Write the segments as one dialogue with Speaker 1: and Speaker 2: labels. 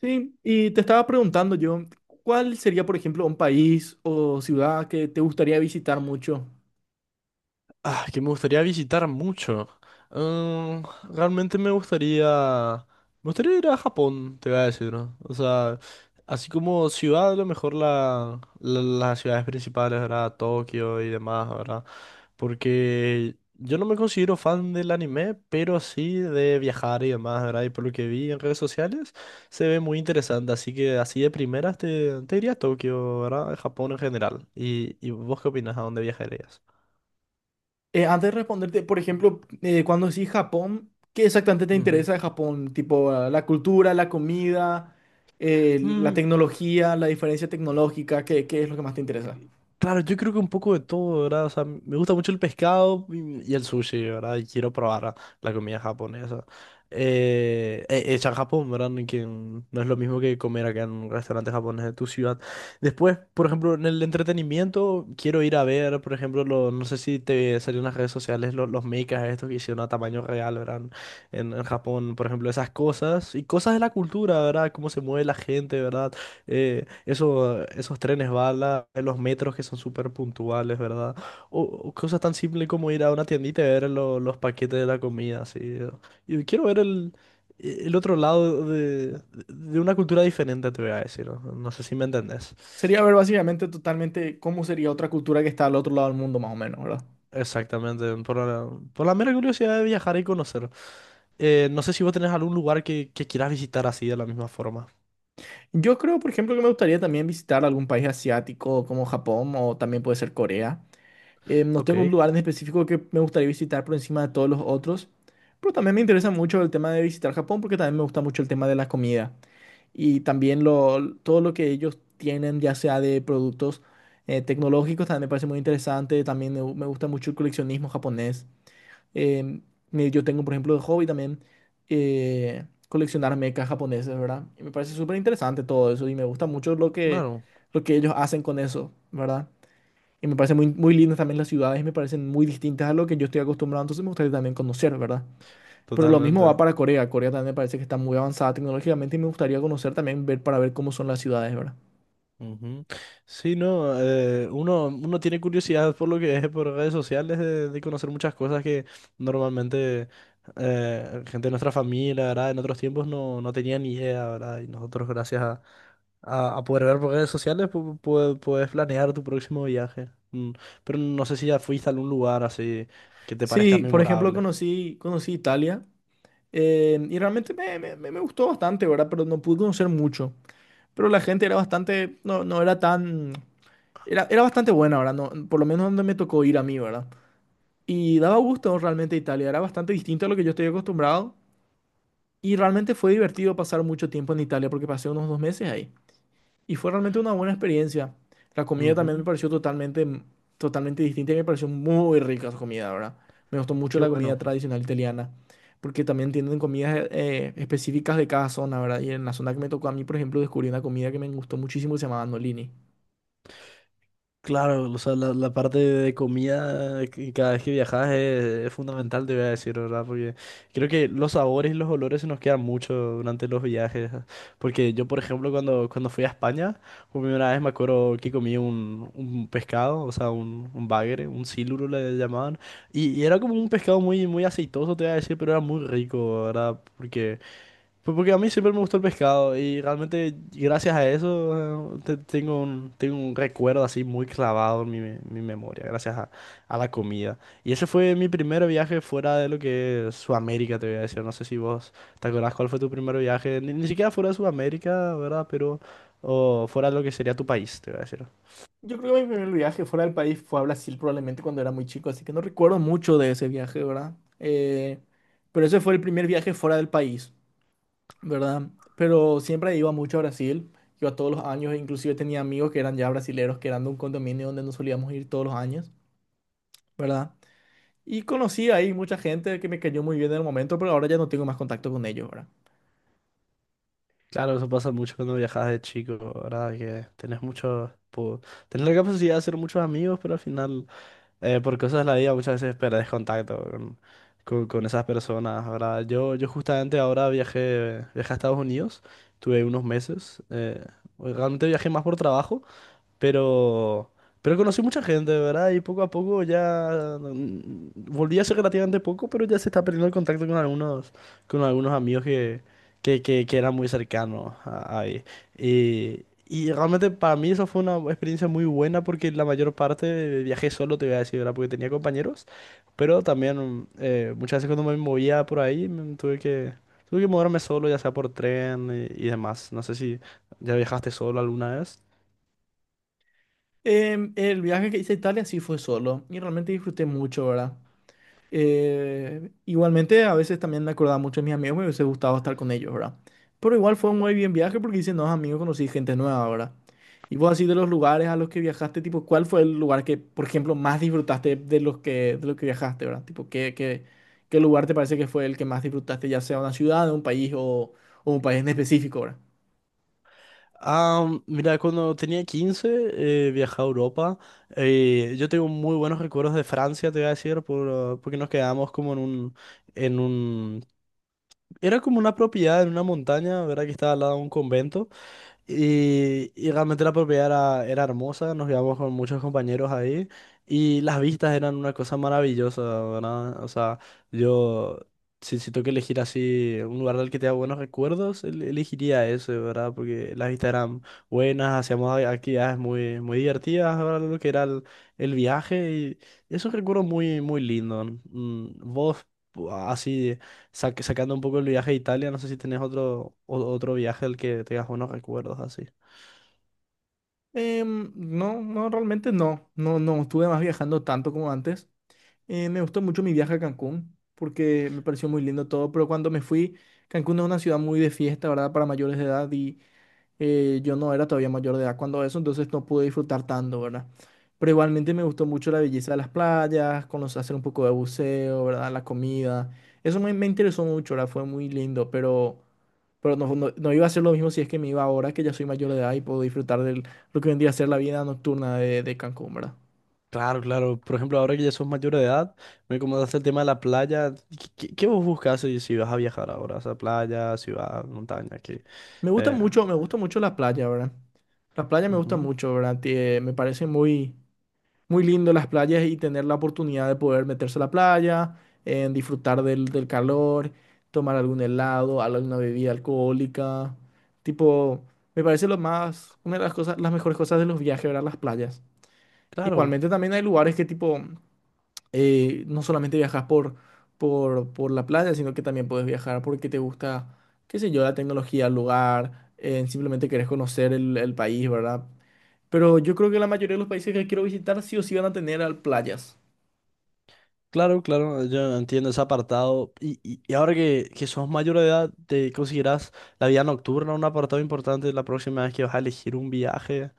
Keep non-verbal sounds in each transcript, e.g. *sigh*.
Speaker 1: Sí, y te estaba preguntando yo, ¿cuál sería, por ejemplo, un país o ciudad que te gustaría visitar mucho?
Speaker 2: Ah, que me gustaría visitar mucho. Mm, Realmente me gustaría. Me gustaría ir a Japón, te voy a decir, ¿no? O sea, así como ciudad, a lo mejor las ciudades principales, ¿verdad? Tokio y demás, ¿verdad? Porque yo no me considero fan del anime, pero sí de viajar y demás, ¿verdad? Y por lo que vi en redes sociales, se ve muy interesante. Así que así de primeras te iría a Tokio, ¿verdad? Japón en general. ¿Y vos qué opinas? ¿A dónde viajarías?
Speaker 1: Antes de responderte, por ejemplo, cuando decís Japón, ¿qué exactamente te
Speaker 2: Ujú.
Speaker 1: interesa de Japón? Tipo, ah, la cultura, la comida, la
Speaker 2: Mm,
Speaker 1: tecnología, la diferencia tecnológica, ¿qué es lo que más te interesa?
Speaker 2: claro, yo creo que un poco de todo, ¿verdad? O sea, me gusta mucho el pescado y el sushi, ¿verdad? Y quiero probar la comida japonesa. Hecha en Japón, ¿verdad? Ni que no es lo mismo que comer acá en un restaurante japonés de tu ciudad. Después, por ejemplo, en el entretenimiento, quiero ir a ver, por ejemplo, no sé si te salieron en las redes sociales los mechas estos que hicieron a tamaño real, ¿verdad? En Japón, por ejemplo, esas cosas y cosas de la cultura, ¿verdad? Cómo se mueve la gente, ¿verdad? Esos trenes bala, los metros que son súper puntuales, ¿verdad? O cosas tan simples como ir a una tiendita y ver los paquetes de la comida, así. Y quiero ver el otro lado de una cultura diferente, te voy a decir. No, no sé si me entendés.
Speaker 1: Sería ver básicamente totalmente cómo sería otra cultura que está al otro lado del mundo, más o menos, ¿verdad?
Speaker 2: Exactamente, por la mera curiosidad de viajar y conocer. No sé si vos tenés algún lugar que quieras visitar así de la misma forma.
Speaker 1: Yo creo, por ejemplo, que me gustaría también visitar algún país asiático como Japón o también puede ser Corea. No
Speaker 2: Ok,
Speaker 1: tengo un lugar en específico que me gustaría visitar por encima de todos los otros, pero también me interesa mucho el tema de visitar Japón porque también me gusta mucho el tema de la comida y también todo lo que ellos tienen, ya sea de productos tecnológicos, también me parece muy interesante. También me gusta mucho el coleccionismo japonés. Eh, yo tengo, por ejemplo, de hobby también coleccionar mechas japoneses, ¿verdad? Y me parece súper interesante todo eso y me gusta mucho
Speaker 2: claro,
Speaker 1: lo que ellos hacen con eso, ¿verdad? Y me parece muy lindas también las ciudades y me parecen muy distintas a lo que yo estoy acostumbrado, entonces me gustaría también conocer, ¿verdad? Pero lo mismo va
Speaker 2: totalmente.
Speaker 1: para Corea. Corea también me parece que está muy avanzada tecnológicamente y me gustaría conocer también, ver para ver cómo son las ciudades, ¿verdad?
Speaker 2: Ujú. Sí, no, uno tiene curiosidad por lo que es por redes sociales de conocer muchas cosas que normalmente gente de nuestra familia, ¿verdad? En otros tiempos no tenía ni idea, ¿verdad? Y nosotros gracias a poder ver por redes sociales puedes planear tu próximo viaje. Pero no sé si ya fuiste a algún lugar así que te parezca
Speaker 1: Sí, por ejemplo,
Speaker 2: memorable.
Speaker 1: conocí Italia y realmente me gustó bastante, ¿verdad? Pero no pude conocer mucho. Pero la gente era bastante, no, no era tan, era, era bastante buena, ¿verdad? No, por lo menos donde me tocó ir a mí, ¿verdad? Y daba gusto realmente Italia, era bastante distinto a lo que yo estoy acostumbrado y realmente fue divertido pasar mucho tiempo en Italia porque pasé unos dos meses ahí y fue realmente una buena experiencia. La comida también me
Speaker 2: Ujú.
Speaker 1: pareció totalmente distinta y me pareció muy rica su comida, ¿verdad? Me gustó mucho
Speaker 2: Qué
Speaker 1: la comida
Speaker 2: bueno.
Speaker 1: tradicional italiana porque también tienen comidas específicas de cada zona, ¿verdad? Y en la zona que me tocó a mí, por ejemplo, descubrí una comida que me gustó muchísimo que se llamaba Nolini.
Speaker 2: Claro, o sea, la parte de comida que cada vez que viajas es fundamental, te voy a decir, ¿verdad? Porque creo que los sabores y los olores se nos quedan mucho durante los viajes. Porque yo, por ejemplo, cuando fui a España, por primera vez me acuerdo que comí un pescado, o sea, un bagre, un siluro le llamaban. Y era como un pescado muy, muy aceitoso, te voy a decir, pero era muy rico, ¿verdad? Porque, pues, porque a mí siempre me gustó el pescado y realmente gracias a eso tengo un recuerdo así muy clavado en mi memoria, gracias a la comida. Y ese fue mi primer viaje fuera de lo que es Sudamérica, te voy a decir. No sé si vos te acordás cuál fue tu primer viaje, ni siquiera fuera de Sudamérica, ¿verdad? Pero o fuera de lo que sería tu país, te voy a decir.
Speaker 1: Yo creo que mi primer viaje fuera del país fue a Brasil probablemente cuando era muy chico, así que no recuerdo mucho de ese viaje, ¿verdad? Pero ese fue el primer viaje fuera del país, ¿verdad? Pero siempre iba mucho a Brasil, iba todos los años, e inclusive tenía amigos que eran ya brasileros, que eran de un condominio donde nos solíamos ir todos los años, ¿verdad? Y conocí ahí mucha gente que me cayó muy bien en el momento, pero ahora ya no tengo más contacto con ellos, ¿verdad?
Speaker 2: Claro, eso pasa mucho cuando viajas de chico, ¿verdad? Que tenés mucho, tenés la capacidad de hacer muchos amigos, pero al final... por cosas de la vida muchas veces perdés contacto con esas personas, ¿verdad? Yo justamente ahora viajé a Estados Unidos, tuve unos meses, realmente viajé más por trabajo, pero, pero conocí mucha gente, ¿verdad? Y poco a poco ya volví hace relativamente poco, pero ya se está perdiendo el contacto con algunos amigos que eran muy cercanos ahí. Y realmente para mí eso fue una experiencia muy buena porque la mayor parte viajé solo, te voy a decir, ¿verdad? Porque tenía compañeros, pero también muchas veces cuando me movía por ahí tuve que moverme solo, ya sea por tren y demás. No sé si ya viajaste solo alguna vez.
Speaker 1: El viaje que hice a Italia sí fue solo y realmente disfruté mucho, ¿verdad? Igualmente, a veces también me acordaba mucho de mis amigos, me hubiese gustado estar con ellos, ¿verdad? Pero igual fue un muy bien viaje porque hice nuevos amigos, conocí gente nueva, ¿verdad? Y vos así de los lugares a los que viajaste, tipo, ¿cuál fue el lugar que, por ejemplo, más disfrutaste de los que viajaste, ¿verdad? Tipo, ¿qué lugar te parece que fue el que más disfrutaste, ya sea una ciudad, o un país en específico, ¿verdad?
Speaker 2: Ah, mira, cuando tenía 15 viajé a Europa. Yo tengo muy buenos recuerdos de Francia, te voy a decir, porque nos quedamos como en un... Era como una propiedad en una montaña, ¿verdad? Que estaba al lado de un convento. Y realmente la propiedad era hermosa, nos íbamos con muchos compañeros ahí y las vistas eran una cosa maravillosa, ¿verdad? O sea, yo, si tengo que elegir así un lugar del que tenga buenos recuerdos, elegiría ese, ¿verdad? Porque las vistas eran buenas, hacíamos actividades muy, muy divertidas, ¿verdad? Lo que era el viaje y es un recuerdo muy, muy lindo. Vos, así. Sacando un poco el viaje a Italia, no sé si tenés otro viaje al que tengas buenos recuerdos así.
Speaker 1: No, realmente no. No estuve más viajando tanto como antes. Me gustó mucho mi viaje a Cancún porque me pareció muy lindo todo, pero cuando me fui, Cancún es una ciudad muy de fiesta, ¿verdad? Para mayores de edad y yo no era todavía mayor de edad cuando eso, entonces no pude disfrutar tanto, ¿verdad? Pero igualmente me gustó mucho la belleza de las playas, conocer, hacer un poco de buceo, ¿verdad? La comida. Eso me interesó mucho, ¿verdad? Fue muy lindo, pero no iba a ser lo mismo si es que me iba ahora, que ya soy mayor de edad y puedo disfrutar de lo que vendría a ser la vida nocturna de Cancún, ¿verdad?
Speaker 2: Claro, claro. Por ejemplo, ahora que ya sos mayor de edad, me comentaste el tema de la playa. ¿Qué, qué vos buscas si vas a viajar ahora? O sea, playa, ciudad, montaña, qué. Eh,
Speaker 1: Me gusta mucho la playa, ¿verdad? Las playas me gustan
Speaker 2: ujú.
Speaker 1: mucho, ¿verdad? Muy lindo las playas y tener la oportunidad de poder meterse a la playa, en disfrutar del, del calor, tomar algún helado, alguna bebida alcohólica. Tipo, me parece una de las cosas, las mejores cosas de los viajes, ¿verdad? Las playas.
Speaker 2: Claro,
Speaker 1: Igualmente también hay lugares que tipo, no solamente viajas por la playa, sino que también puedes viajar porque te gusta, qué sé yo, la tecnología, el lugar, simplemente querés conocer el país, ¿verdad? Pero yo creo que la mayoría de los países que quiero visitar sí o sí van a tener playas.
Speaker 2: claro, claro. Yo entiendo ese apartado. Y ahora que sos mayor de edad, ¿te considerás la vida nocturna un apartado importante la próxima vez que vas a elegir un viaje?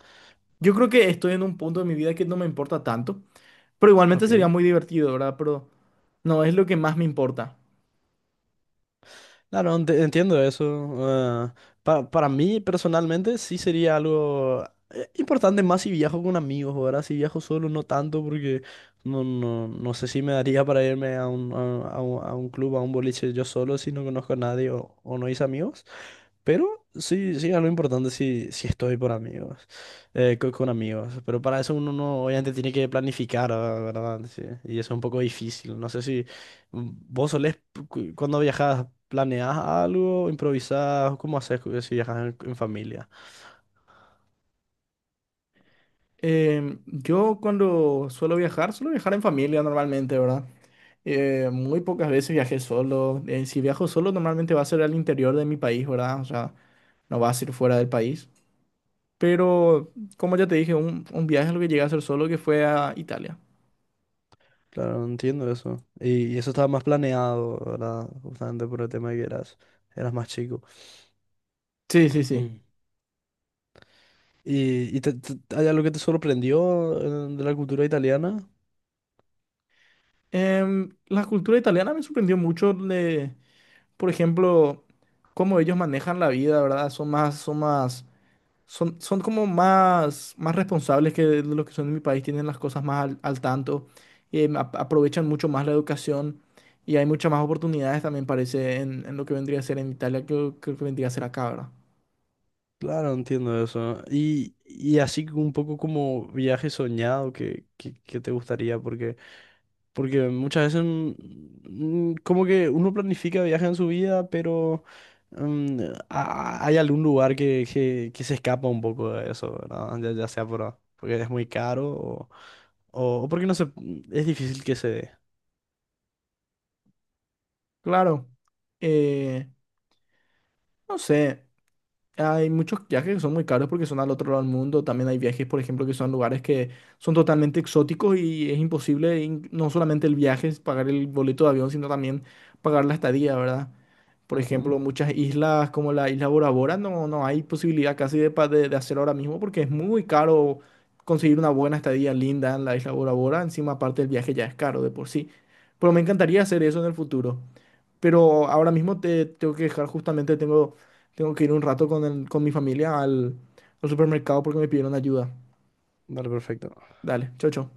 Speaker 1: Yo creo que estoy en un punto de mi vida que no me importa tanto, pero
Speaker 2: Ok.
Speaker 1: igualmente sería muy divertido, ¿verdad? Pero no es lo que más me importa.
Speaker 2: Claro, entiendo eso. Para mí personalmente sí sería algo importante más si viajo con amigos, ahora si viajo solo no tanto porque no, no, no sé si me daría para irme a un club, a un boliche yo solo si no conozco a nadie o no hice amigos. Pero sí, sí, algo importante si estoy por amigos, con, amigos. Pero para eso uno no, obviamente tiene que planificar, ¿verdad? Sí, y eso es un poco difícil. No sé si vos solés, cuando viajas, planeás algo, improvisás, ¿cómo haces si viajas en familia?
Speaker 1: Yo cuando suelo viajar en familia normalmente, ¿verdad? Muy pocas veces viajé solo. Si viajo solo, normalmente va a ser al interior de mi país, ¿verdad? O sea, no va a ser fuera del país. Pero, como ya te dije, un viaje es lo que llegué a hacer solo que fue a Italia.
Speaker 2: Claro, no entiendo eso. Y eso estaba más planeado, ¿verdad? Justamente por el tema de que eras más chico.
Speaker 1: Sí,
Speaker 2: *clears throat*
Speaker 1: sí, sí.
Speaker 2: Mm. ¿Y hay algo que te sorprendió de la cultura italiana?
Speaker 1: La cultura italiana me sorprendió mucho, por ejemplo, cómo ellos manejan la vida, ¿verdad? Son más, son como más responsables que de lo que son en mi país, tienen las cosas más al, al tanto, aprovechan mucho más la educación y hay muchas más oportunidades también parece en lo que vendría a ser en Italia que lo que vendría a ser acá, ¿verdad?
Speaker 2: Claro, entiendo eso. Y así un poco como viaje soñado que te gustaría, porque muchas veces como que uno planifica viajes en su vida, pero mm, hay algún lugar que se escapa un poco de eso, ¿verdad? Ya sea porque es muy caro o porque no se, es difícil que se dé.
Speaker 1: Claro, eh, no sé. Hay muchos viajes que son muy caros porque son al otro lado del mundo. También hay viajes, por ejemplo, que son lugares que son totalmente exóticos y es imposible, no solamente el viaje, es pagar el boleto de avión, sino también pagar la estadía, ¿verdad? Por
Speaker 2: Ujú.
Speaker 1: ejemplo, muchas islas como la isla Bora Bora no hay posibilidad casi de, de hacer ahora mismo porque es muy caro conseguir una buena estadía linda en la isla Bora Bora. Encima, aparte, el viaje ya es caro de por sí. Pero me encantaría hacer eso en el futuro. Pero ahora mismo te tengo que dejar, justamente tengo que ir un rato con mi familia al supermercado porque me pidieron ayuda.
Speaker 2: Vale, perfecto.
Speaker 1: Dale, chau, chau.